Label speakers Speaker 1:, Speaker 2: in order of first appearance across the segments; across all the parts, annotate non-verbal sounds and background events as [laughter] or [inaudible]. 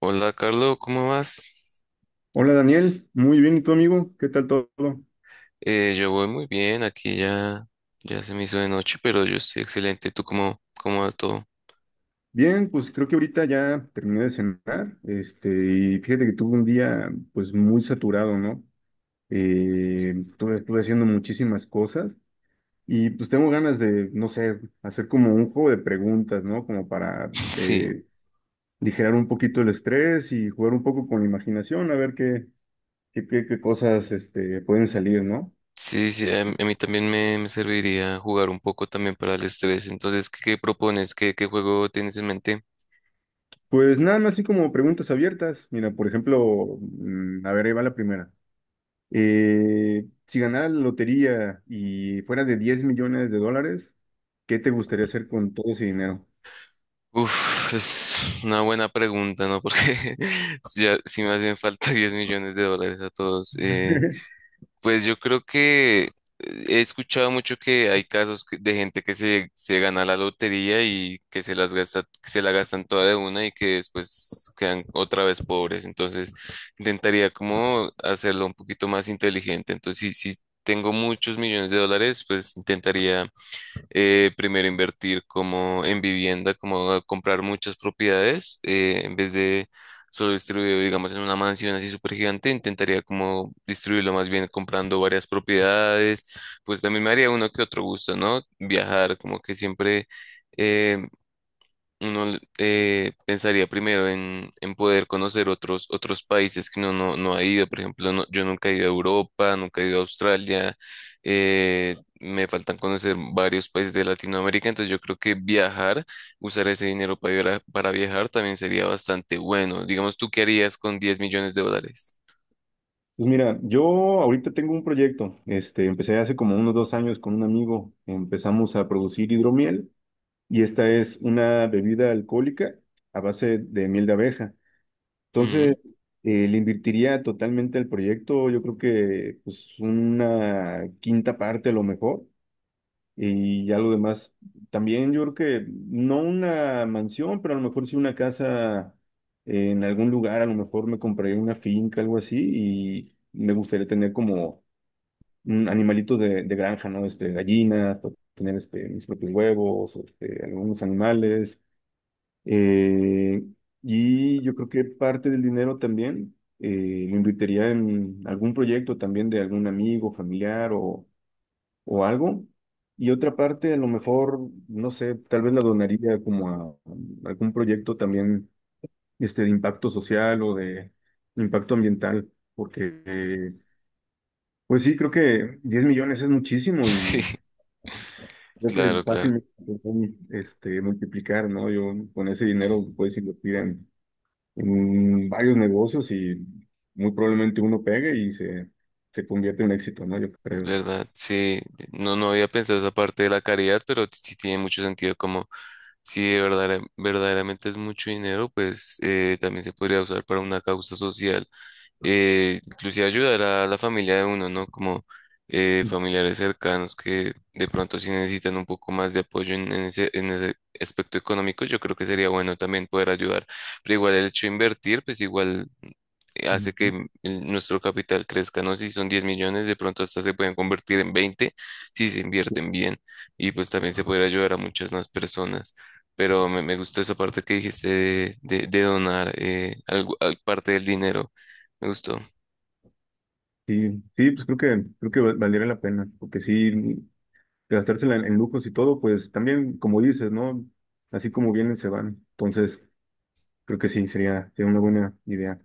Speaker 1: Hola, Carlos, ¿cómo vas?
Speaker 2: Hola Daniel, muy bien, ¿y tú amigo? ¿Qué tal todo?
Speaker 1: Yo voy muy bien, aquí ya, ya se me hizo de noche, pero yo estoy excelente. ¿Tú cómo va todo?
Speaker 2: Bien, pues creo que ahorita ya terminé de cenar, y fíjate que tuve un día pues muy saturado, ¿no? Estuve haciendo muchísimas cosas y pues tengo ganas de, no sé, hacer como un juego de preguntas, ¿no? Como para
Speaker 1: [laughs] Sí,
Speaker 2: aligerar un poquito el estrés y jugar un poco con la imaginación, a ver qué cosas pueden salir, ¿no?
Speaker 1: sí, sí, a mí también me serviría jugar un poco también para el estrés. Entonces, ¿qué propones? ¿Qué juego tienes en mente?
Speaker 2: Pues nada más así como preguntas abiertas. Mira, por ejemplo, a ver, ahí va la primera. Si ganara la lotería y fuera de 10 millones de dólares, ¿qué te gustaría hacer con todo ese dinero?
Speaker 1: Uf, es una buena pregunta, ¿no? Porque [laughs] ya, si me hacen falta [laughs] $10 millones a todos.
Speaker 2: [laughs]
Speaker 1: Pues yo creo que he escuchado mucho que hay casos de gente que se gana la lotería y que se las gasta, que se la gastan toda de una y que después quedan otra vez pobres. Entonces, intentaría como hacerlo un poquito más inteligente. Entonces, si tengo muchos millones de dólares, pues intentaría primero invertir como en vivienda, como comprar muchas propiedades, en vez de solo distribuir, digamos, en una mansión así súper gigante, intentaría como distribuirlo más bien comprando varias propiedades, pues también me haría uno que otro gusto, ¿no? Viajar, como que siempre... eh, uno pensaría primero en poder conocer otros países que uno no ha ido. Por ejemplo, yo nunca he ido a Europa, nunca he ido a Australia. Me faltan conocer varios países de Latinoamérica. Entonces yo creo que viajar, usar ese dinero para, para viajar también sería bastante bueno. Digamos, ¿tú qué harías con $10 millones?
Speaker 2: Pues mira, yo ahorita tengo un proyecto, empecé hace como unos 2 años con un amigo, empezamos a producir hidromiel y esta es una bebida alcohólica a base de miel de abeja.
Speaker 1: Ujú.
Speaker 2: Entonces,
Speaker 1: [laughs]
Speaker 2: le invertiría totalmente al proyecto, yo creo que pues una quinta parte a lo mejor. Y ya lo demás, también yo creo que no una mansión, pero a lo mejor sí una casa en algún lugar, a lo mejor me compraría una finca, algo así, y me gustaría tener como un animalito de granja, ¿no? Este, gallinas, o tener este, mis propios huevos, o este, algunos animales. eh, y yo creo que parte del dinero también lo invertiría en algún proyecto también de algún amigo, familiar o algo. Y otra parte, a lo mejor, no sé, tal vez la donaría como a algún proyecto también este, de impacto social o de impacto ambiental, porque, pues sí, creo que 10 millones es muchísimo
Speaker 1: Sí,
Speaker 2: y creo que
Speaker 1: claro,
Speaker 2: es
Speaker 1: claro.
Speaker 2: fácil este, multiplicar, ¿no? Yo con ese dinero puedes invertir en varios negocios y muy probablemente uno pegue y se convierte en éxito, ¿no? Yo
Speaker 1: Es
Speaker 2: creo.
Speaker 1: verdad, sí, no, no había pensado esa parte de la caridad, pero sí tiene mucho sentido como si de verdaderamente es mucho dinero, pues también se podría usar para una causa social, inclusive ayudar a la familia de uno, ¿no? Como familiares cercanos que de pronto sí necesitan un poco más de apoyo en ese, en ese aspecto económico, yo creo que sería bueno también poder ayudar, pero igual el hecho de invertir, pues igual hace que nuestro capital crezca, ¿no? Si son 10 millones, de pronto hasta se pueden convertir en 20 si se invierten bien y pues también se puede ayudar a muchas más personas. Pero me gustó esa parte que dijiste de, de donar parte del dinero. Me gustó.
Speaker 2: Sí, sí, pues creo que valdría la pena, porque sí, gastársela en lujos y todo, pues también, como dices, ¿no? Así como vienen, se van. Entonces, creo que sí, sería, sería una buena idea.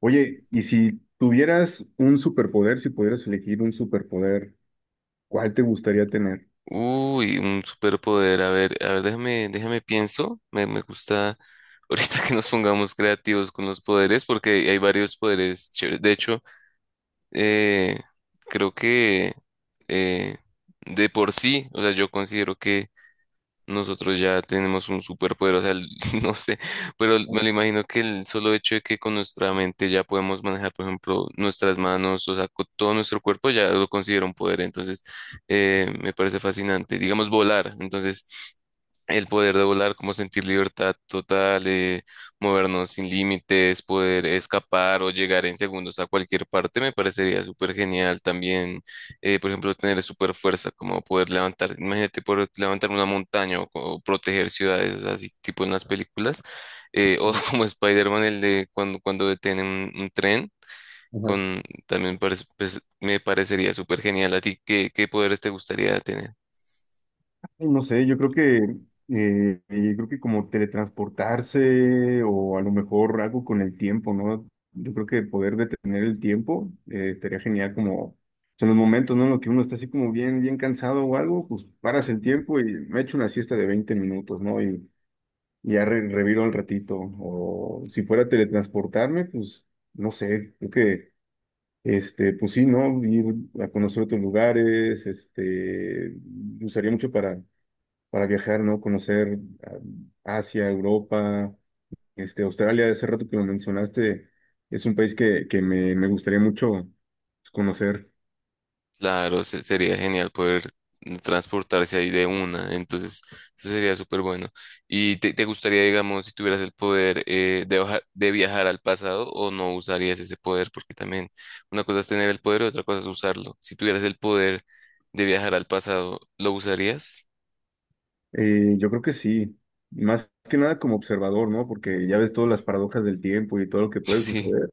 Speaker 2: Oye, y si tuvieras un superpoder, si pudieras elegir un superpoder, ¿cuál te gustaría tener?
Speaker 1: Uy, un superpoder. A ver, déjame pienso. Me gusta ahorita [laughs] que nos pongamos creativos con los poderes porque hay varios poderes chéveres. De hecho, Eh, creo que eh, de por sí, o sea, yo considero que nosotros ya tenemos un superpoder, o sea, [laughs] no sé, pero me
Speaker 2: Ujú,
Speaker 1: lo imagino que el solo hecho de que con nuestra mente ya podemos manejar, por ejemplo, nuestras manos, o sea, con todo nuestro cuerpo ya lo considero un poder, entonces me parece fascinante, digamos volar, entonces el poder de volar, como sentir libertad total, movernos sin límites, poder escapar o llegar en segundos a cualquier parte, me parecería súper genial. También, por ejemplo, tener súper fuerza, como poder levantar, imagínate poder levantar una montaña o, proteger ciudades, o sea, así tipo en las películas. O [laughs] como Spider-Man, el de cuando detienen un tren,
Speaker 2: ujú.
Speaker 1: con, también pues, me parecería súper genial. ¿A ti qué poderes te gustaría tener?
Speaker 2: Pues no sé, yo creo que como teletransportarse o a lo mejor algo con el tiempo, ¿no? Yo creo que poder detener el tiempo estaría genial, como son los momentos, ¿no? En los que uno está así como bien, bien cansado o algo, pues paras el tiempo y me echo una siesta de 20 minutos, ¿no? Y y ya reviro al ratito. O si fuera a teletransportarme, pues no sé, creo que este, pues sí, ¿no? Ir a conocer otros lugares, este, usaría mucho para viajar, ¿no? Conocer ah, Asia, Europa, este, Australia, ese rato que lo mencionaste, es un país que me gustaría mucho pues, conocer.
Speaker 1: Claro, sería genial poder transportarse ahí de una, entonces eso sería súper bueno. ¿Y te gustaría, digamos, si tuvieras el poder de, de viajar al pasado o no usarías ese poder? Porque también una cosa es tener el poder y otra cosa es usarlo. Si tuvieras el poder de viajar al pasado, ¿lo usarías? [laughs]
Speaker 2: Yo creo que sí, más que nada como observador, ¿no? Porque ya ves todas las paradojas del tiempo y todo lo que puede
Speaker 1: Sí,
Speaker 2: suceder.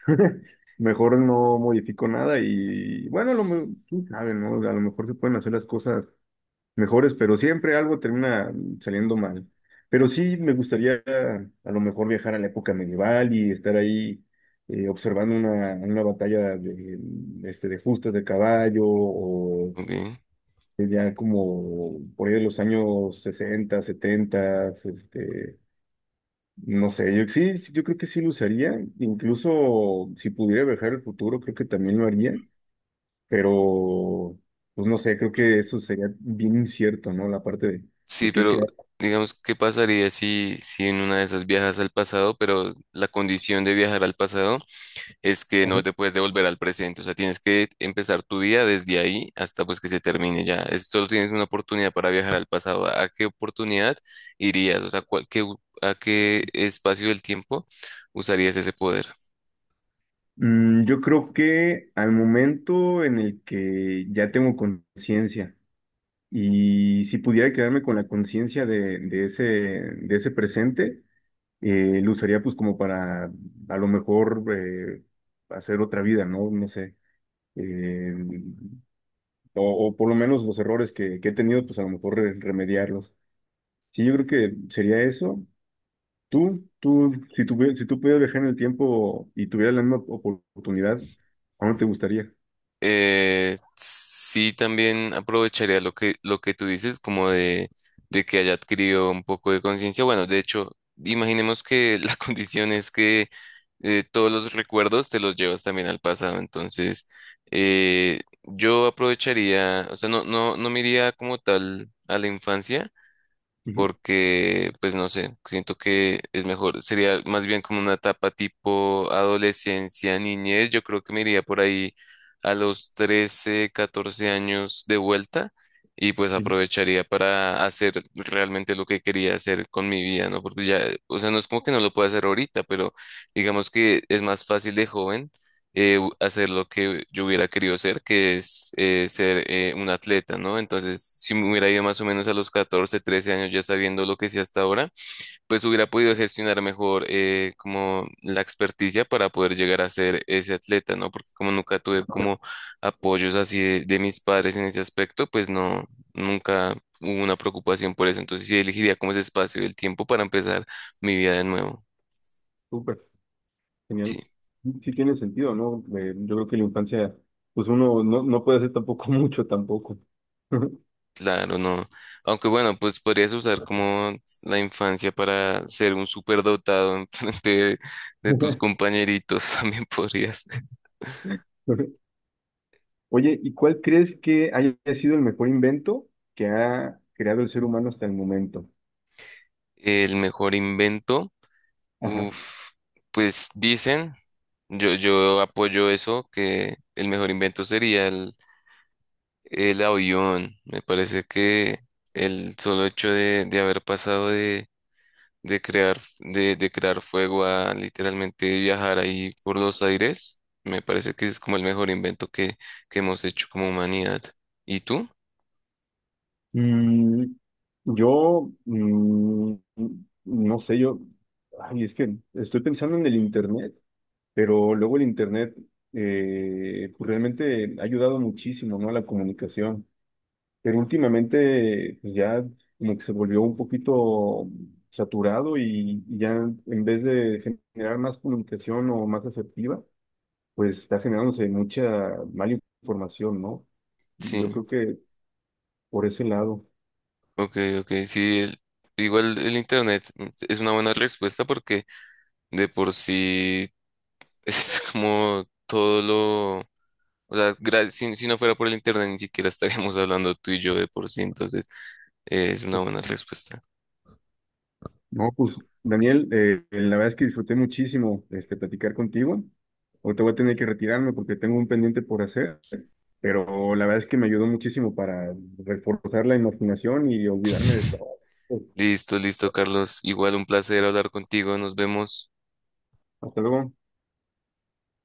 Speaker 2: [laughs] Mejor no modifico nada y bueno, a lo, quién sabe, ¿no? A lo mejor se pueden hacer las cosas mejores, pero siempre algo termina saliendo mal. Pero sí me gustaría a lo mejor viajar a la época medieval y estar ahí observando una batalla este, de justas de caballo o
Speaker 1: ok.
Speaker 2: ya como por ahí de los años 60, 70, este, no sé, yo sí, sí, yo creo que sí lo usaría, incluso si pudiera viajar al futuro, creo que también lo haría, pero pues no sé, creo que eso sería bien incierto, ¿no? La parte de
Speaker 1: Sí,
Speaker 2: qué.
Speaker 1: pero digamos, ¿qué pasaría si en una de esas viajas al pasado, pero la condición de viajar al pasado... es que no
Speaker 2: Ujú.
Speaker 1: te puedes devolver al presente, o sea, tienes que empezar tu vida desde ahí hasta pues que se termine ya. Solo tienes una oportunidad para viajar al pasado. ¿A qué oportunidad irías? O sea, qué a qué espacio del tiempo usarías ese poder?
Speaker 2: Yo creo que al momento en el que ya tengo conciencia y si pudiera quedarme con la conciencia de ese presente, lo usaría pues como para a lo mejor hacer otra vida, ¿no? No sé. Eh, o por lo menos los errores que he tenido, pues a lo mejor remediarlos. Sí, yo creo que sería eso. Si tú, si tú pudieras viajar en el tiempo y tuvieras la misma oportunidad, ¿a dónde te gustaría?
Speaker 1: Sí, también aprovecharía lo que tú dices, como de que haya adquirido un poco de conciencia. Bueno, de hecho, imaginemos que la [laughs] condición es que todos los recuerdos te los llevas también al pasado. Entonces, yo aprovecharía, o sea, no, no, no me iría como tal a la infancia
Speaker 2: Ujú.
Speaker 1: porque, pues no sé, siento que es mejor, sería más bien como una etapa tipo adolescencia, niñez, yo creo que me iría por ahí a los 13, 14 años de vuelta y pues aprovecharía para hacer realmente lo que quería hacer con mi vida, ¿no? Porque ya, o sea, no es como que no lo pueda hacer ahorita, pero digamos que es más fácil de joven hacer lo que yo hubiera querido hacer que es ser un atleta, ¿no? Entonces, si me hubiera ido más o menos a los 14, 13 años ya sabiendo lo que sé hasta ahora, pues hubiera podido gestionar mejor como la experticia para poder llegar a ser ese atleta, ¿no? Porque como nunca tuve como apoyos así de mis padres en ese aspecto, pues no, nunca hubo una preocupación por eso. Entonces, sí elegiría como ese espacio y el tiempo para empezar mi vida de nuevo.
Speaker 2: Súper, genial.
Speaker 1: Sí.
Speaker 2: Sí tiene sentido, ¿no? Yo creo que la infancia, pues uno no, no puede hacer tampoco mucho tampoco. [laughs]
Speaker 1: Claro, no. Aunque bueno, pues podrías usar como la infancia para ser un superdotado en [laughs] frente de tus compañeritos, [laughs] también podrías.
Speaker 2: Oye, ¿y cuál crees que haya sido el mejor invento que ha creado el ser humano hasta el momento?
Speaker 1: El mejor invento,
Speaker 2: Ajá.
Speaker 1: uf, pues dicen, yo apoyo eso, que el mejor invento sería el avión. Me parece que el solo hecho de haber pasado de crear fuego a literalmente viajar ahí por los aires, me parece que es como el mejor invento que hemos hecho como humanidad. ¿Y tú?
Speaker 2: Mm, yo, mm, no sé, yo, ay, es que estoy pensando en el Internet, pero luego el Internet pues realmente ha ayudado muchísimo, ¿no? A la comunicación, pero últimamente pues ya como que se volvió un poquito saturado y ya en vez de generar más comunicación o más asertiva, pues está generándose mucha mala información, ¿no? Yo
Speaker 1: Sí,
Speaker 2: creo que por ese lado.
Speaker 1: ok, ok, sí, igual el internet mm, es una buena respuesta porque de por sí es [laughs] como todo lo... O sea, si, si no fuera por el internet ni siquiera estaríamos hablando tú y yo de por sí, entonces es una
Speaker 2: Pues
Speaker 1: buena respuesta.
Speaker 2: no, pues Daniel, la verdad es que disfruté muchísimo este, platicar contigo. Ahorita voy a tener que retirarme porque tengo un pendiente por hacer, pero la verdad es que me ayudó muchísimo para reforzar la imaginación y olvidarme de
Speaker 1: [laughs]
Speaker 2: todo.
Speaker 1: Listo, listo, Carlos. Igual un placer hablar contigo. Nos vemos.
Speaker 2: Hasta luego.